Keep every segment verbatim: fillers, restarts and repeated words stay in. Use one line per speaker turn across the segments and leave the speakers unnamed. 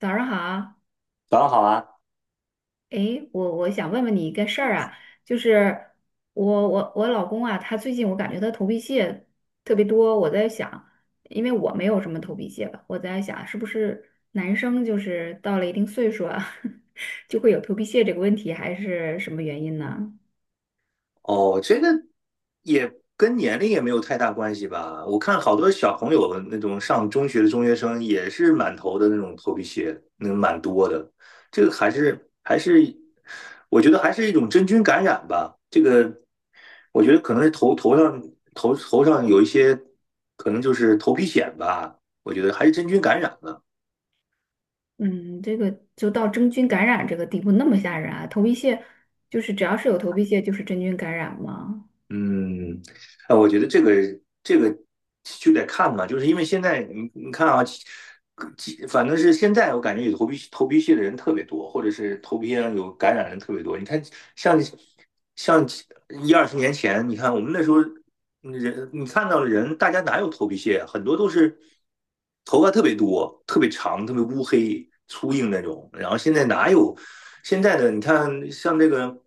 早上好，
早上好啊！
诶，我我想问问你一个事儿啊，就是我我我老公啊，他最近我感觉他头皮屑特别多，我在想，因为我没有什么头皮屑吧，我在想是不是男生就是到了一定岁数啊，就会有头皮屑这个问题，还是什么原因呢？
哦，这个也跟年龄也没有太大关系吧？我看好多小朋友那种上中学的中学生也是满头的那种头皮屑，那蛮多的。这个还是还是，我觉得还是一种真菌感染吧。这个我觉得可能是头头上头头上有一些，可能就是头皮癣吧。我觉得还是真菌感染了。
嗯，这个就到真菌感染这个地步那么吓人啊，头皮屑就是只要是有头皮屑就是真菌感染吗？
嗯，啊，我觉得这个这个就得看嘛，就是因为现在你你看啊，其其反正是现在我感觉有头皮头皮屑的人特别多，或者是头皮上有感染的人特别多。你看，像像一二十年前，你看我们那时候人，你看到的人，大家哪有头皮屑啊？很多都是。头发特别多，特别长，特别乌黑粗硬那种。然后现在哪有现在的？你看，像这个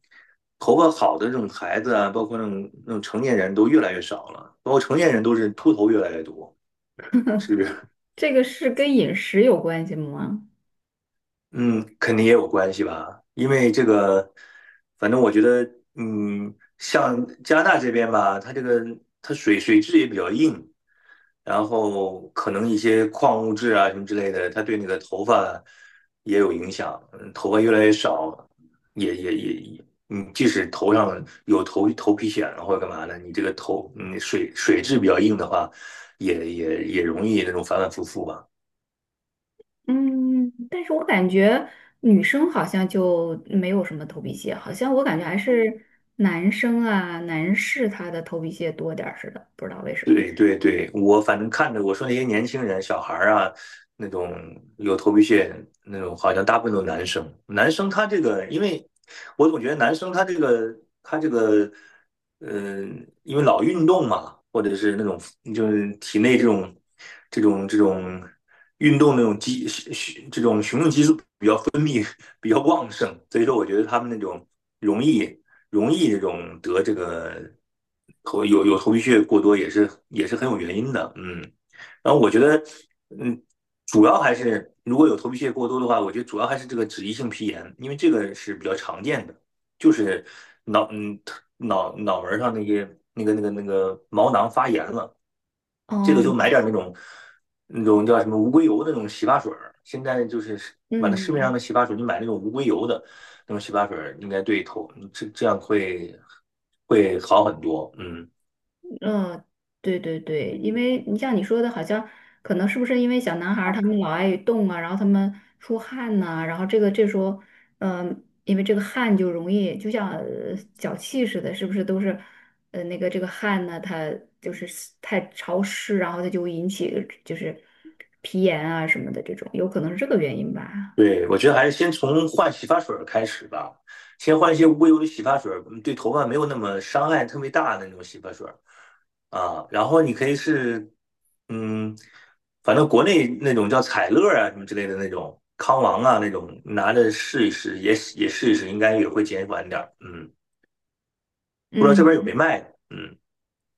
头发好的这种孩子啊，包括那种那种成年人都越来越少了，包括成年人都是秃头越来越多，是不是？
这个是跟饮食有关系吗？
嗯，肯定也有关系吧，因为这个，反正我觉得，嗯，像加拿大这边吧，它这个它水水质也比较硬，然后可能一些矿物质啊什么之类的，它对你的头发也有影响，嗯头发越来越少，也也也也，你即使头上有头头皮癣了或者干嘛的，你这个头，嗯，水水质比较硬的话，也也也容易那种反反复复吧。
嗯，但是我感觉女生好像就没有什么头皮屑，好像我感觉还是男生啊，男士他的头皮屑多点儿似的，不知道为什么。
对对对，我反正看着我说那些年轻人、小孩儿啊，那种有头皮屑那种，好像大部分都是男生。男生他这个，因为我总觉得男生他这个他这个，嗯、因为老运动嘛，或者是那种就是体内这种这种这种运动那种激这种雄性激素比较旺盛，所以说我觉得他们那种容易容易这种得这个头有有头皮屑过多也是也是很有原因的，嗯。然后我觉得，嗯，主要还是如果有头皮屑过多的话，我觉得主要还是这个脂溢性皮炎，因为这个是比较常见的，就是脑嗯脑脑门上那些那个那个那个毛囊发炎了。这个
哦，
就买点那种那种叫什么无硅油的那种洗发水儿，现在就是完了市面上
嗯，
的洗发水，你买那种无硅油的那种洗发水儿，应该对头，这这样会会好很多。嗯，
嗯，对对对，因为你像你说的，好像可能是不是因为小男孩儿他们老爱动啊，然后他们出汗呐、然后这个这时候，嗯，因为这个汗就容易就像呃脚气似的，是不是都是呃那个这个汗呢，它就是太潮湿，然后它就会引起就是皮炎啊什么的这种，有可能是这个原因吧。
对，我觉得还是先从换洗发水儿开始吧，先换一些无硅油的洗发水儿，嗯对头发没有那么伤害特别大的那种洗发水儿。啊，然后你可以是，嗯，反正国内那种叫彩乐啊什么之类的那种，康王啊那种，拿着试一试，也也试一试，应该也会减缓点儿。嗯，不知道这边有没
嗯
卖的。嗯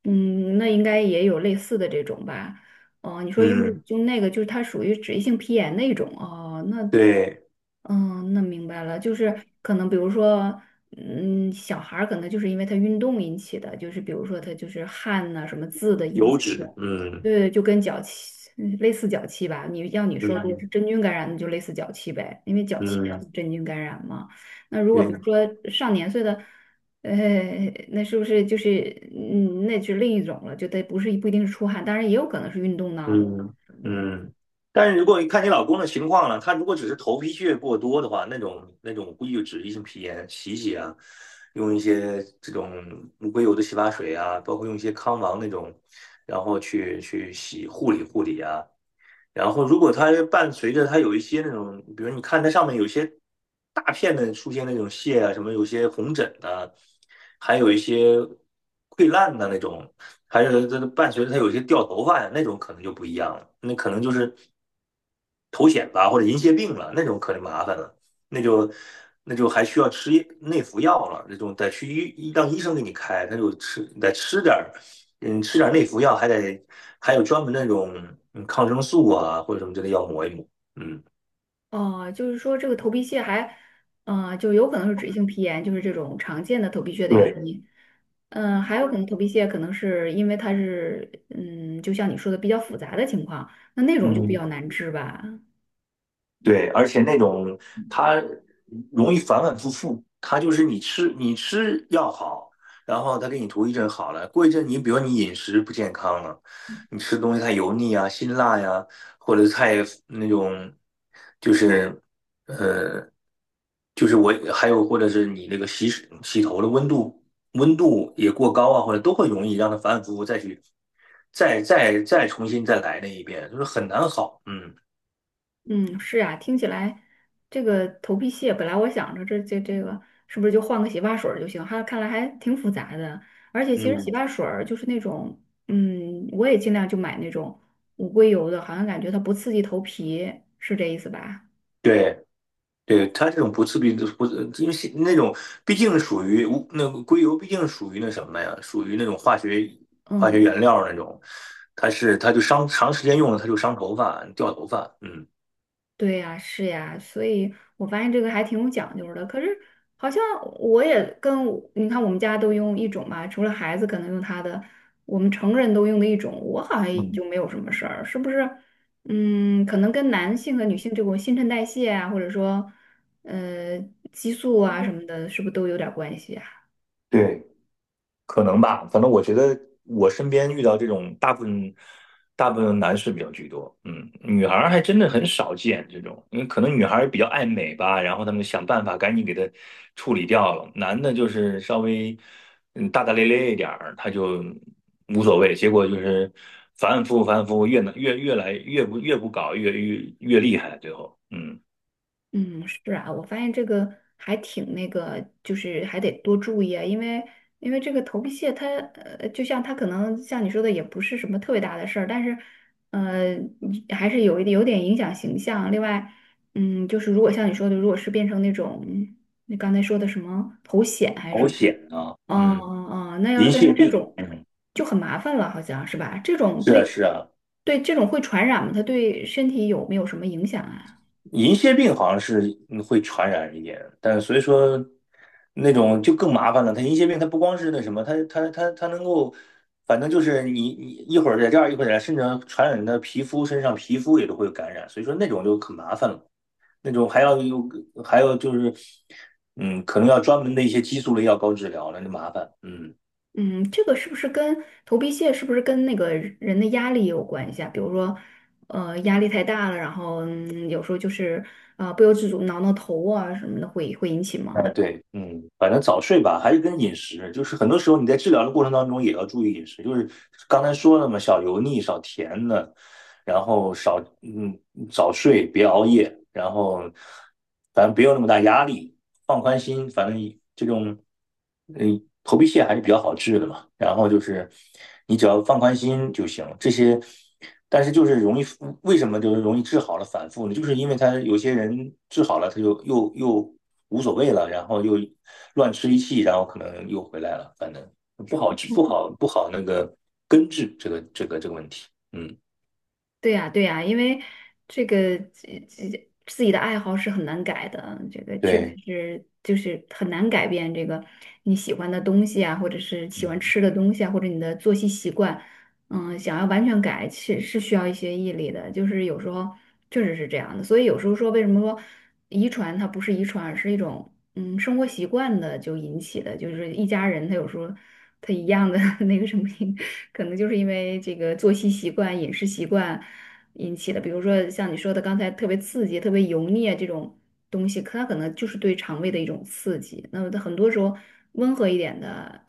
嗯，那应该也有类似的这种吧？哦、你说用
嗯，
用那个，就是它属于脂溢性皮炎那种哦，那
对，
嗯，那明白了，就是可能比如说，嗯，小孩儿可能就是因为他运动引起的，就是比如说他就是汗呐、什么渍的引
油
起
脂，
的，
嗯
对，就跟脚气嗯类似脚气吧。你要你说如果是
嗯
真菌感染，那就类似脚气呗，因为脚气
嗯，
是真菌感染嘛。那如果
对，
比如说上年岁的，呃，那是不是就是嗯，那是另一种了，就得不是不一定是出汗，当然也有可能是运动闹的。
嗯嗯，但是如果你看你老公的情况了，他如果只是头皮屑过多的话，那种那种估计就脂溢性皮炎，洗一洗啊，用一些这种无硅油的洗发水啊，包括用一些康王那种，然后去去洗护理护理啊，然后如果它伴随着它有一些那种，比如你看它上面有一些大片的出现那种屑啊，什么有些红疹的，还有一些溃烂的那种，还有它伴随着它有一些掉头发呀，那种可能就不一样了，那可能就是头癣吧或者银屑病了，那种可就麻烦了，那就。那就还需要吃内服药了，那种得去医让医生给你开，他就吃得吃点儿嗯，吃点内服药还得还有专门那种嗯抗生素啊或者什么之类要抹一抹。嗯，
哦，就是说这个头皮屑还，呃，就有可能是脂溢性皮炎，就是这种常见的头皮屑的原
对，
因。嗯，还有可能头皮屑可能是因为它是，嗯，就像你说的比较复杂的情况，那那种就比
嗯，
较难治吧。
对，而且那种它容易反反复复，它就是你吃你吃药好，然后它给你涂一阵好了，过一阵你比如你饮食不健康了，你吃东西太油腻啊、辛辣呀、或者太那种就是。呃。就是我还有或者是你那个洗洗头的温度温度也过高啊，或者都会容易让它反反复复再去再再再重新再来那一遍，就是很难好。嗯
嗯，是啊，听起来这个头皮屑本来我想着这这这个是不是就换个洗发水儿就行，还看来还挺复杂的。而且其实
嗯，
洗发水儿就是那种，嗯，我也尽量就买那种无硅油的，好像感觉它不刺激头皮，是这意思吧？
对对，它这种不刺鼻的不，因为是那种毕竟属于无那个硅油，毕竟属于那什么呀，属于那种化学化学原
嗯，
料那种，它是它就伤长时间用了，它就伤头发掉头发。嗯
对呀，是呀，所以我发现这个还挺有讲究的。可是好像我也跟我你看，我们家都用一种吧，除了孩子可能用他的，我们成人都用的一种，我好像也就
嗯，
没有什么事儿，是不是？嗯，可能跟男性和女性这种新陈代谢啊，或者说呃激素啊什么的，是不是都有点关系啊？
对。可能吧，反正我觉得我身边遇到这种大部分大部分男士比较居多，嗯，女孩儿还真的很少见这种，因为可能女孩儿比较爱美吧，然后他们想办法赶紧给她处理掉了，男的就是稍微嗯大大咧咧一点儿，他就无所谓，结果就是反反复复反反复复，越越越来越不越不搞越越越厉害，最后，嗯，
嗯，是啊，我发现这个还挺那个，就是还得多注意啊，因为因为这个头皮屑它，呃，就像它可能像你说的，也不是什么特别大的事儿，但是，呃，你还是有一点有点影响形象。另外，嗯，就是如果像你说的，如果是变成那种你刚才说的什么头癣还是什
好
么，
险啊，
哦
嗯，
哦哦，那要是
银
变成
屑
这
病，
种，
嗯，
就很麻烦了，好像是吧？这种
是啊
对
是啊。
对这种会传染吗？它对身体有没有什么影响啊？
银屑病好像是嗯会传染一点，但是所以说那种就更麻烦了。它银屑病它不光是那什么，它它它它能够，反正就是你你一会儿在这儿一会儿在那儿，甚至传染的皮肤身上，皮肤也都会有感染。所以说那种就很麻烦了，那种还要有还有就是，嗯，可能要专门的一些激素类药膏治疗了，那就麻烦。嗯，
嗯，这个是不是跟头皮屑是不是跟那个人的压力有关系啊？比如说，呃，压力太大了，然后嗯，有时候就是呃不由自主挠挠头啊什么的会，会引起
哎
吗？
对，嗯，反正早睡吧，还是跟饮食，就是很多时候你在治疗的过程当中也要注意饮食，就是刚才说了嘛，少油腻，少甜的。然后少嗯早睡，别熬夜，然后反正别有那么大压力，放宽心，反正这种嗯头皮屑还是比较好治的嘛。然后就是你只要放宽心就行，这些。但是就是容易，为什么就是容易治好了反复呢？就是因为他有些人治好了，他就又又无所谓了，然后又乱吃一气，然后可能又回来了，反正不好治，不好不好那个根治这个这个这个问题。嗯，
对呀，对呀，因为这个这这自己的爱好是很难改的，这个确实
对。
是就是很难改变这个你喜欢的东西啊，或者是喜欢
嗯
吃的东西啊，或者你的作息习惯。嗯，想要完全改，是是需要一些毅力的，就是有时候确实是这样的。所以有时候说，为什么说遗传它不是遗传，而是一种嗯生活习惯的就引起的，就是一家人他有时候他一样的 那个什么，可能就是因为这个作息习惯、饮食习惯引起的。比如说像你说的刚才特别刺激、特别油腻啊这种东西，可它可能就是对肠胃的一种刺激。那么它很多时候温和一点的，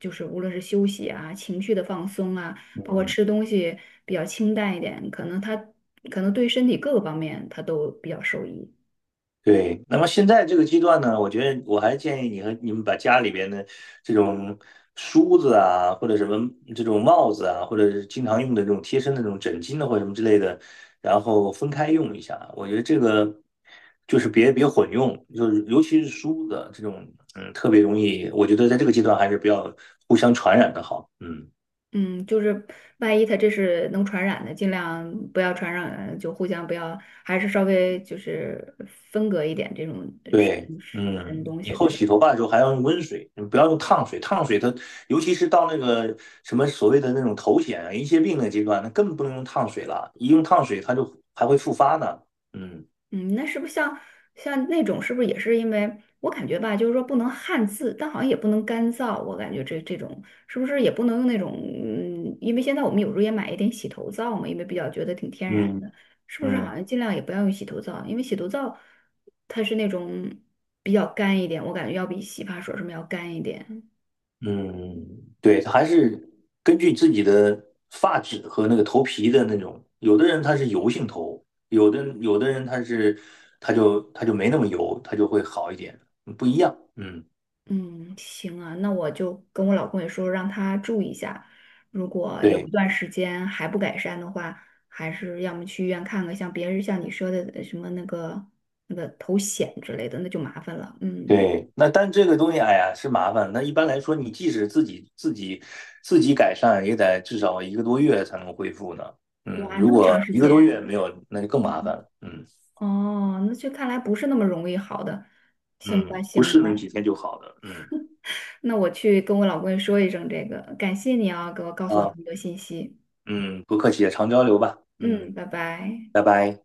就是无论是休息啊、情绪的放松啊。包括
嗯，
吃东西比较清淡一点，可能他可能对身体各个方面他都比较受益。
对。那么现在这个阶段呢，我觉得我还建议你和你们把家里边的这种梳子啊，或者什么这种帽子啊，或者是经常用的这种贴身的这种枕巾呢，或者什么之类的，然后分开用一下。我觉得这个就是别别混用，就是尤其是梳子这种，嗯，特别容易。我觉得在这个阶段还是不要互相传染的好。嗯。
嗯，就是万一他这是能传染的，尽量不要传染，就互相不要，还是稍微就是分隔一点这种呃什
对，
么
嗯，
东
以
西，
后
对吧？
洗头发的时候还要用温水，你不要用烫水。烫水它，尤其是到那个什么所谓的那种头癣啊、银屑病的阶段，那更不能用烫水了。一用烫水，它就还会复发呢。嗯
嗯，那是不是像像那种，是不是也是因为我感觉吧，就是说不能汗渍，但好像也不能干燥，我感觉这这种是不是也不能用那种，嗯，因为现在我们有时候也买一点洗头皂嘛，因为比较觉得挺天然
嗯
的，是不是
嗯
好像尽量也不要用洗头皂，因为洗头皂它是那种比较干一点，我感觉要比洗发水什么要干一点。
嗯，对，它还是根据自己的发质和那个头皮的那种，有的人他是油性头，有的有的人他是他就他就没那么油，他就会好一点，不一样。嗯，
嗯，行啊，那我就跟我老公也说，让他注意一下，如果有嗯
对。
一段时间还不改善的话，还是要么去医院看看，像别人像你说的呃什么那个那个头癣之类的，那就麻烦了。嗯，
对，那但这个东西，哎呀，是麻烦。那一般来说，你即使自己自己自己改善，也得至少一个多月才能恢复呢。嗯，
哇，
如
那么
果
长时
一个
间
多
啊
月没有，那就更麻烦了。嗯
哦，那这看来不是那么容易好的。行
嗯，
吧，
不
行
是
吧，
能几天就好的。嗯
那我去跟我老公也说一声这个，感谢你啊，给我告诉我这
啊，
么多信息。
嗯，不客气，常交流吧。
嗯，
嗯，
拜拜。
拜拜。